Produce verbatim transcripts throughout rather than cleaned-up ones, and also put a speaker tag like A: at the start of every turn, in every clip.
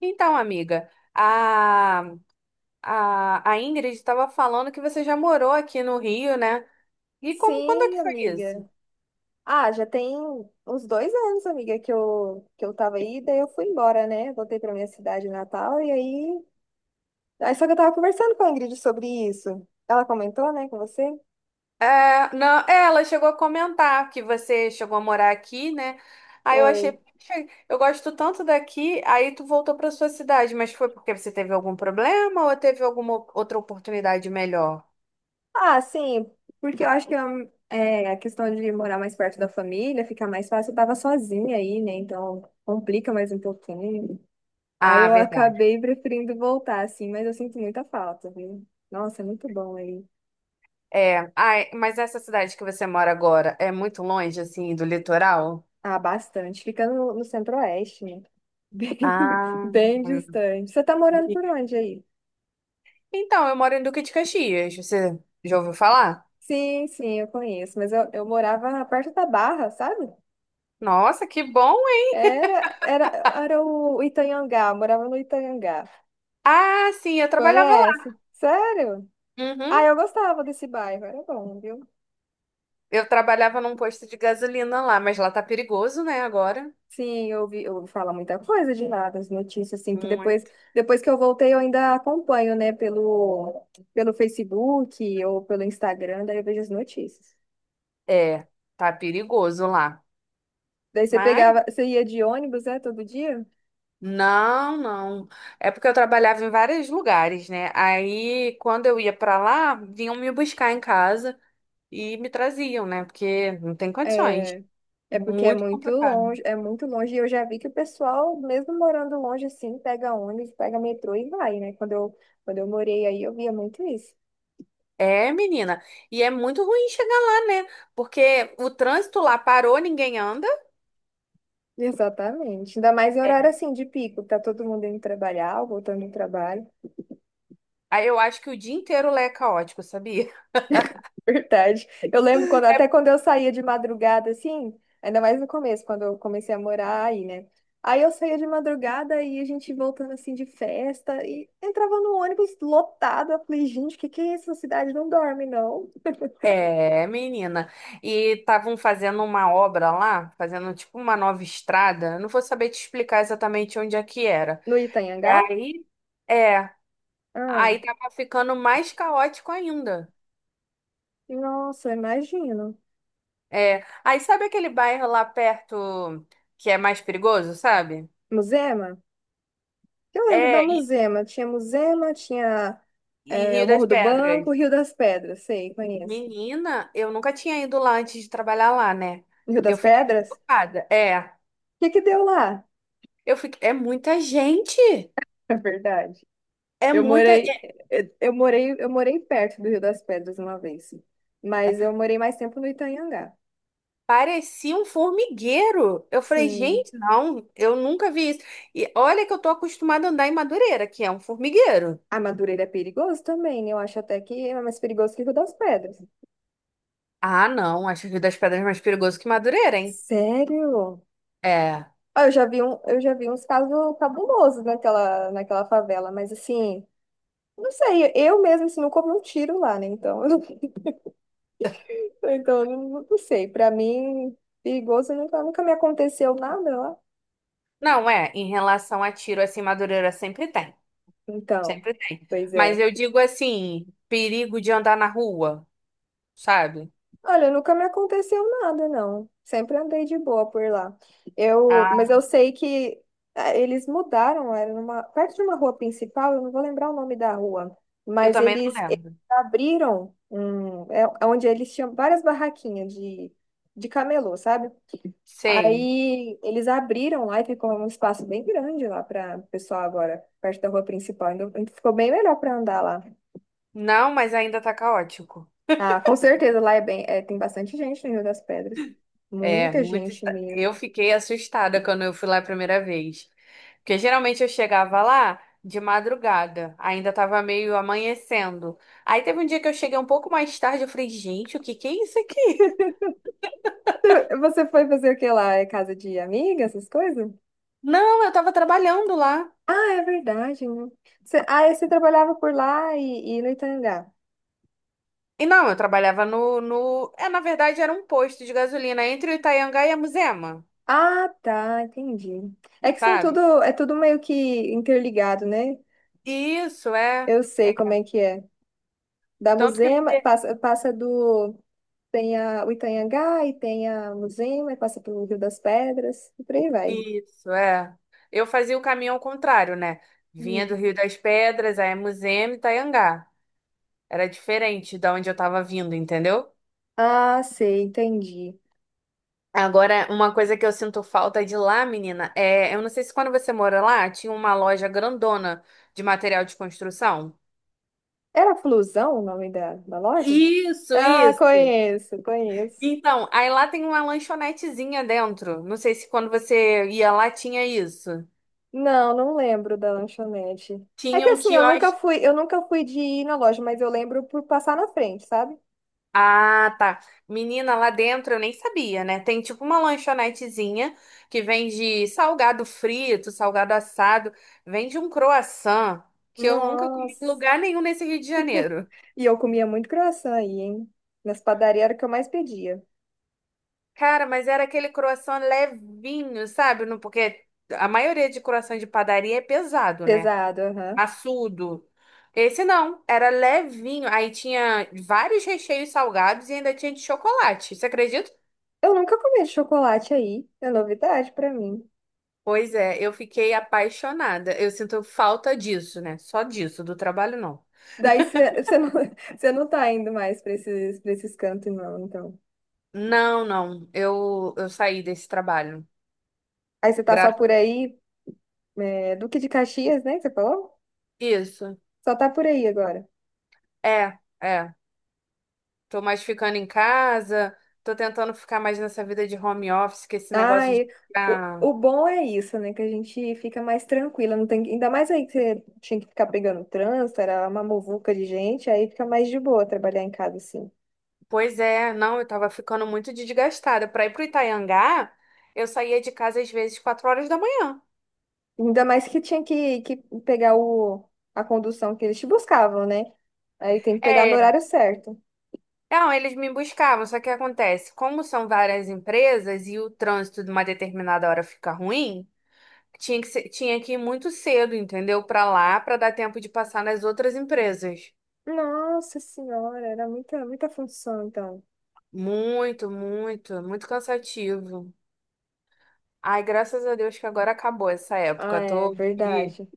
A: Então, amiga, a, a, a Ingrid estava falando que você já morou aqui no Rio, né? E como, quando é que
B: Sim,
A: foi isso?
B: amiga. Ah, já tem uns dois anos, amiga, que eu, que eu tava aí, daí eu fui embora, né? Voltei pra minha cidade natal e aí. Aí só que eu tava conversando com a Ingrid sobre isso. Ela comentou, né, com você?
A: É, não, é, Ela chegou a comentar que você chegou a morar aqui, né? Aí eu achei,
B: Foi.
A: "Poxa, eu gosto tanto daqui, aí tu voltou para sua cidade, mas foi porque você teve algum problema ou teve alguma outra oportunidade melhor?"
B: Ah, sim, porque eu acho que eu- é, a questão de morar mais perto da família fica mais fácil. Eu tava sozinha aí, né? Então complica mais um pouquinho. Aí
A: Ah,
B: eu
A: verdade.
B: acabei preferindo voltar, assim, mas eu sinto muita falta, viu? Nossa, é muito bom aí.
A: É, ai, mas essa cidade que você mora agora é muito longe, assim, do litoral?
B: Ah, bastante. Fica no, no centro-oeste, né? Bem,
A: Ah.
B: bem distante. Você tá morando por onde aí?
A: Então, eu moro em Duque de Caxias. Você já ouviu falar?
B: Sim, sim, eu conheço. Mas eu, eu morava perto da Barra, sabe?
A: Nossa, que bom, hein?
B: Era, era, era o Itanhangá, eu morava no Itanhangá.
A: Ah, sim, eu trabalhava lá.
B: Conhece? Sério?
A: Uhum.
B: Ah, eu gostava desse bairro, era bom, viu?
A: Eu trabalhava num posto de gasolina lá, mas lá tá perigoso, né, agora?
B: Sim, eu ouvi, eu ouvi falar muita coisa de lá, das notícias, assim, que depois,
A: Muito.
B: depois que eu voltei eu ainda acompanho, né, pelo, pelo Facebook ou pelo Instagram, daí eu vejo as notícias.
A: É, tá perigoso lá.
B: Daí você
A: Mas
B: pegava, você ia de ônibus, é, todo dia?
A: não, não. É porque eu trabalhava em vários lugares, né? Aí, quando eu ia pra lá, vinham me buscar em casa e me traziam, né? Porque não tem condições.
B: É, é porque é
A: Muito
B: muito
A: complicado.
B: longe, é muito longe. E eu já vi que o pessoal, mesmo morando longe assim, pega ônibus, pega metrô e vai, né? Quando eu, quando eu morei aí, eu via muito isso.
A: É, menina. E é muito ruim chegar lá, né? Porque o trânsito lá parou, ninguém anda.
B: Exatamente. Ainda mais em horário assim de pico, tá todo mundo indo trabalhar, ou voltando do trabalho.
A: Aí eu acho que o dia inteiro lá é caótico, sabia?
B: Verdade. Eu lembro quando, até quando eu saía de madrugada, assim, ainda mais no começo, quando eu comecei a morar aí, né? Aí eu saía de madrugada e a gente voltando assim de festa e entrava no ônibus lotado. Eu falei, gente, o que que é isso? A cidade não dorme, não.
A: É, menina. E estavam fazendo uma obra lá, fazendo tipo uma nova estrada. Eu não vou saber te explicar exatamente onde é que era.
B: No
A: E
B: Itanhangá?
A: aí, é,
B: Ah,
A: aí tava ficando mais caótico ainda.
B: nossa, eu imagino.
A: É, aí sabe aquele bairro lá perto que é mais perigoso, sabe?
B: Muzema? Eu lembro da
A: É, e,
B: Muzema. Tinha Muzema, tinha
A: e
B: é,
A: Rio
B: o
A: das
B: Morro do
A: Pedras.
B: Banco, Rio das Pedras. Sei, conheço.
A: Menina, eu nunca tinha ido lá antes de trabalhar lá, né?
B: Rio
A: Eu
B: das
A: fiquei
B: Pedras?
A: chocada. É,
B: O que que deu lá?
A: eu fiquei. É muita gente.
B: É verdade.
A: É
B: Eu
A: muita.
B: morei,
A: é-
B: eh, eu morei, eu morei perto do Rio das Pedras uma vez, mas eu morei mais tempo no Itanhangá.
A: Parecia um formigueiro. Eu falei,
B: Sim.
A: gente, não, eu nunca vi isso. E olha que eu tô acostumada a andar em Madureira, que é um formigueiro.
B: A Madureira é perigoso também, eu acho até que é mais perigoso que o Rio das Pedras.
A: Ah, não, acho que o Rio das Pedras é mais perigoso que Madureira, hein?
B: Sério?
A: É.
B: Ah, Eu já vi um, eu já vi uns casos cabulosos naquela, naquela favela, mas assim, não sei, eu mesmo assim, nunca ouvi um tiro lá, né? Então, então eu não, não sei. Pra mim, perigoso nunca, nunca me aconteceu nada lá.
A: Não, é, em relação a tiro, assim, Madureira sempre tem.
B: Então,
A: Sempre tem.
B: pois é.
A: Mas eu digo assim, perigo de andar na rua, sabe?
B: Olha, nunca me aconteceu nada, não. Sempre andei de boa por lá. Eu,
A: Ah,
B: mas eu sei que ah, eles mudaram, era numa, perto de uma rua principal, eu não vou lembrar o nome da rua,
A: eu
B: mas
A: também não
B: eles, eles
A: lembro.
B: abriram um, é, é onde eles tinham várias barraquinhas de, de camelô, sabe?
A: Sei.
B: Aí eles abriram lá e ficou um espaço bem grande lá para o pessoal agora, perto da rua principal. Então, ficou bem melhor para andar lá.
A: Não, mas ainda tá caótico.
B: Ah, com certeza, lá é bem, é, tem bastante gente no Rio das Pedras.
A: É,
B: Muita
A: muito.
B: gente
A: esta-
B: mesmo.
A: Eu fiquei assustada quando eu fui lá a primeira vez. Porque geralmente eu chegava lá de madrugada, ainda tava meio amanhecendo. Aí teve um dia que eu cheguei um pouco mais tarde, eu falei, gente, o que que é isso aqui?
B: Você você foi fazer o que lá? É casa de amiga, essas coisas?
A: Não, eu tava trabalhando lá.
B: Ah, é verdade, né? Você, ah, e você trabalhava por lá e, e no Itangá.
A: E não, eu trabalhava no, no... É, na verdade, era um posto de gasolina entre o Itaianga e a Muzema,
B: Ah, tá, entendi. É que são
A: sabe?
B: tudo, é tudo meio que interligado, né?
A: Isso, é.
B: Eu
A: é
B: sei como é que é. Da
A: Tanto que
B: Muzema, passa, passa do... Tem a, o Itanhangá e tem a Muzema, e passa pelo Rio das Pedras, e por aí vai.
A: isso, é. Eu fazia o caminho ao contrário, né? Vinha do
B: Hum.
A: Rio das Pedras, a Emuzema e Itaiangá. Era diferente da onde eu tava vindo, entendeu?
B: Ah, sei, entendi.
A: Agora, uma coisa que eu sinto falta de lá, menina, é, eu não sei se quando você mora lá, tinha uma loja grandona de material de construção.
B: Era Flusão o nome da, da loja?
A: Isso,
B: Ah,
A: isso.
B: conheço, conheço.
A: Então, aí lá tem uma lanchonetezinha dentro. Não sei se quando você ia lá tinha isso.
B: Não, não lembro da lanchonete. É
A: Tinha
B: que
A: um
B: assim, eu nunca
A: quiosque.
B: fui, eu nunca fui de ir na loja, mas eu lembro por passar na frente, sabe?
A: Ah, tá. Menina, lá dentro eu nem sabia, né? Tem tipo uma lanchonetezinha que vende salgado frito, salgado assado, vende um croissant que eu nunca comi em
B: Nossa.
A: lugar nenhum nesse Rio de Janeiro.
B: E eu comia muito croissant aí, hein? Nas padarias era o que eu mais pedia.
A: Cara, mas era aquele croissant levinho, sabe? Não- Porque a maioria de croissant de padaria é pesado, né?
B: Pesado, aham.
A: Assudo. Esse não, era levinho. Aí tinha vários recheios salgados e ainda tinha de chocolate. Você acredita?
B: Eu nunca comi chocolate aí. É novidade pra mim.
A: Pois é, eu fiquei apaixonada. Eu sinto falta disso, né? Só disso, do trabalho não.
B: Daí você não, cê não tá indo mais pra esses, pra esses cantos, não, então.
A: Não, não. Eu, eu saí desse trabalho.
B: Aí você tá só
A: Graças
B: por aí, é, Duque de Caxias, né? que Você falou?
A: a isso.
B: Só tá por aí agora.
A: É, é. Tô mais ficando em casa, tô tentando ficar mais nessa vida de home office, que esse negócio de
B: Ai, o,
A: ficar.
B: o bom é isso, né? Que a gente fica mais tranquila, não tem, que- ainda mais aí que você tinha que ficar pegando trânsito, era uma muvuca de gente, aí fica mais de boa trabalhar em casa, assim.
A: Pois é, não, eu tava ficando muito desgastada. Pra ir pro Itaiangá, eu saía de casa às vezes quatro horas da manhã.
B: Ainda mais que tinha que, que pegar o, a condução que eles te buscavam, né? Aí tem que pegar no
A: É,
B: horário certo.
A: não, eles me buscavam, só que acontece, como são várias empresas e o trânsito de uma determinada hora fica ruim, tinha que ser- tinha que ir muito cedo, entendeu? Pra lá, pra dar tempo de passar nas outras empresas.
B: Nossa senhora, era muita, muita função, então.
A: Muito, muito, muito cansativo. Ai, graças a Deus que agora acabou essa
B: Ah,
A: época.
B: é
A: Tô aqui
B: verdade.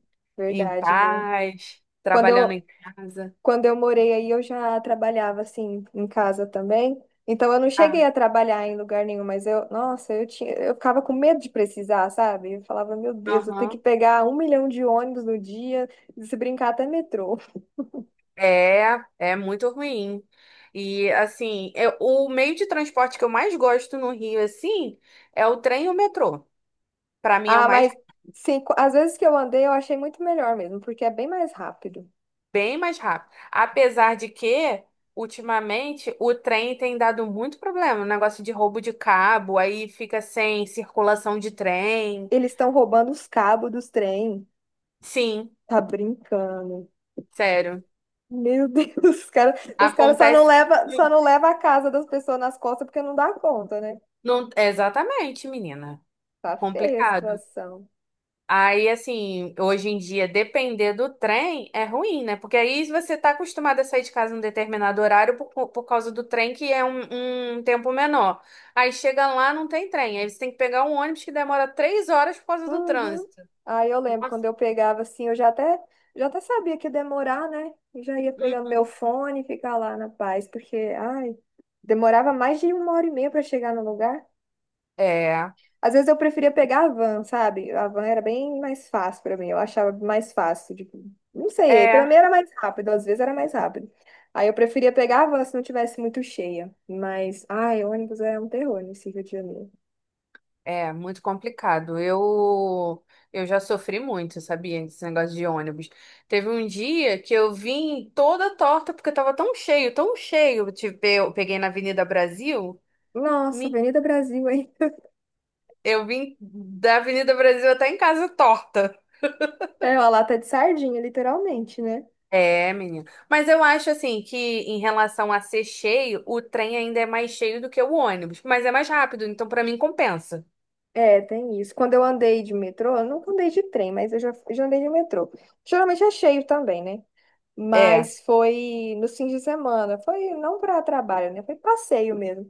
A: em
B: Verdade, viu?
A: paz,
B: Quando
A: trabalhando em
B: eu,
A: casa.
B: Quando eu morei aí, eu já trabalhava assim em casa também. Então eu não
A: Ah,
B: cheguei a trabalhar em lugar nenhum, mas eu, nossa, eu tinha, eu ficava com medo de precisar, sabe? Eu falava, meu Deus, eu tenho que
A: aham.
B: pegar um milhão de ônibus no dia, se brincar até metrô.
A: É, é muito ruim. E assim, eu- o meio de transporte que eu mais gosto no Rio, assim, é o trem e o metrô. Para mim é o
B: Ah,
A: mais
B: mas sim, co- às vezes que eu andei, eu achei muito melhor mesmo, porque é bem mais rápido.
A: bem mais rápido. Apesar de que, ultimamente, o trem tem dado muito problema, negócio de roubo de cabo, aí fica sem circulação de trem.
B: Eles estão roubando os cabos dos trem.
A: Sim,
B: Tá brincando.
A: sério.
B: Meu Deus, os caras, os caras só não
A: Acontece.
B: leva, só não leva a casa das pessoas nas costas porque não dá conta, né?
A: Não, exatamente, menina.
B: Tá feia a
A: Complicado.
B: situação.
A: Aí, assim, hoje em dia, depender do trem é ruim, né? Porque aí você tá acostumado a sair de casa num determinado horário por, co- por causa do trem, que é um, um tempo menor. Aí chega lá, não tem trem. Aí você tem que pegar um ônibus que demora três horas por causa do
B: Uhum.
A: trânsito.
B: Aí eu lembro
A: Nossa.
B: quando eu pegava assim, eu já até, já até sabia que ia demorar, né? E já ia
A: Hum.
B: pegando meu fone e ficar lá na paz, porque, ai, demorava mais de uma hora e meia para chegar no lugar.
A: É,
B: Às vezes eu preferia pegar a van, sabe? A van era bem mais fácil para mim, eu achava mais fácil, tipo, não sei,
A: é,
B: para mim era mais rápido, às vezes era mais rápido. Aí eu preferia pegar a van se não tivesse muito cheia, mas, ai, ônibus é um terror nesse Rio de Janeiro.
A: é muito complicado. Eu, eu já sofri muito, sabia? Esse negócio de ônibus. Teve um dia que eu vim toda torta, porque tava tão cheio, tão cheio. Tipo, eu peguei na Avenida Brasil.
B: Nossa,
A: Me-
B: Avenida Brasil, hein?
A: Eu vim da Avenida Brasil até em casa torta.
B: É uma lata de sardinha, literalmente, né?
A: É, menina. Mas eu acho assim que em relação a ser cheio, o trem ainda é mais cheio do que o ônibus, mas é mais rápido, então pra mim compensa.
B: É, tem isso. Quando eu andei de metrô, eu nunca andei de trem, mas eu já, já andei de metrô. Geralmente é cheio também, né?
A: É.
B: Mas foi no fim de semana. Foi não para trabalho, né? Foi passeio mesmo.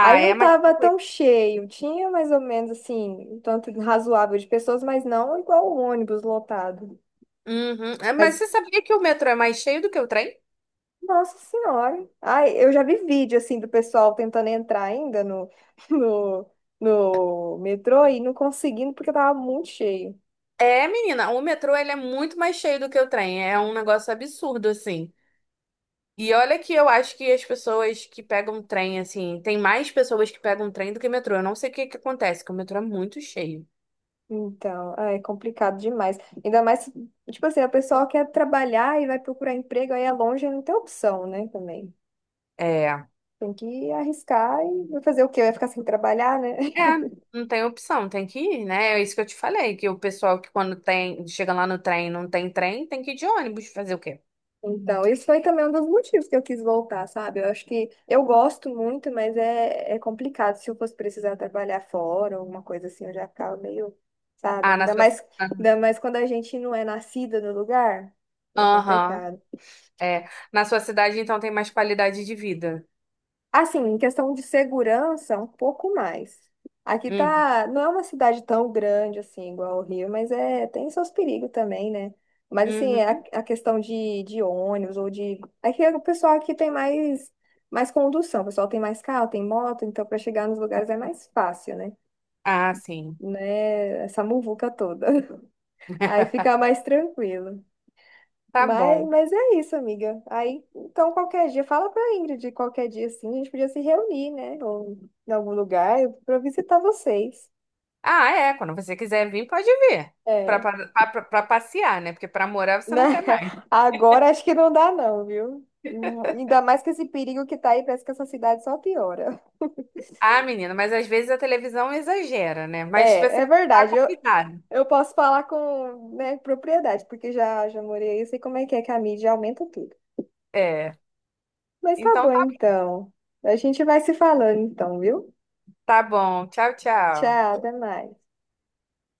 B: Aí
A: é
B: não
A: mais
B: tava
A: tranquilo.
B: tão cheio. Tinha mais ou menos, assim, um tanto razoável de pessoas, mas não igual o ônibus lotado.
A: Uhum. É, mas
B: Mas
A: você sabia que o metrô é mais cheio do que o trem?
B: nossa senhora. Ai, eu já vi vídeo assim do pessoal tentando entrar ainda no, no, no metrô e não conseguindo porque tava muito cheio.
A: É, menina, o metrô ele é muito mais cheio do que o trem. É um negócio absurdo assim. E olha que eu acho que as pessoas que pegam trem assim, tem mais pessoas que pegam trem do que metrô. Eu não sei o que que acontece, que o metrô é muito cheio.
B: Então, ai, é complicado demais. Ainda mais, se- tipo assim, a pessoa quer trabalhar e vai procurar emprego, aí é longe, não tem opção, né, também.
A: É, é,
B: Tem que arriscar e vai fazer o quê? Vai ficar sem trabalhar, né?
A: não tem opção, tem que ir, né? É isso que eu te falei, que o pessoal que quando tem, chega lá no trem, e não tem trem, tem que ir de ônibus fazer o quê?
B: Então, isso foi também um dos motivos que eu quis voltar, sabe? Eu acho que eu gosto muito, mas é, é complicado. Se eu fosse precisar trabalhar fora, alguma coisa assim, eu já ficava meio, sabe?
A: Ah, na
B: Ainda
A: sua,
B: mais, ainda mais quando a gente não é nascida no lugar, é
A: aham,
B: complicado.
A: é, na sua cidade então tem mais qualidade de vida.
B: Assim, em questão de segurança, um pouco mais. Aqui
A: Hum,
B: tá, não é uma cidade tão grande assim, igual o Rio, mas é, tem seus perigos também, né? Mas assim, a,
A: uhum.
B: a questão de, de ônibus ou de. Aqui é o pessoal aqui tem mais, mais condução, o pessoal tem mais carro, tem moto, então para chegar nos lugares é mais fácil, né?
A: Ah, sim.
B: Né? Essa muvuca toda. Aí fica mais tranquilo.
A: Tá
B: Mas,
A: bom.
B: mas é isso, amiga. Aí, então, qualquer dia, fala pra Ingrid, qualquer dia assim, a gente podia se reunir, né? Ou, em algum lugar pra eu visitar vocês.
A: Ah, é, quando você quiser vir, pode vir. Pra,
B: É,
A: pra, pra- pra passear, né? Porque pra morar você não
B: né?
A: quer mais.
B: Agora acho que não dá, não, viu? Hum, Ainda mais que esse perigo que tá aí, parece que essa cidade só piora.
A: Ah, menina, mas às vezes a televisão exagera, né? Mas
B: É,
A: você
B: é
A: tá
B: verdade. Eu,
A: convidado.
B: eu posso falar com, né, propriedade, porque já, já morei aí, eu sei como é que é que a mídia aumenta tudo.
A: É.
B: Mas tá
A: Então,
B: bom, então. A gente vai se falando, então, viu?
A: tá bom. Tchau, tchau.
B: Tchau, até mais.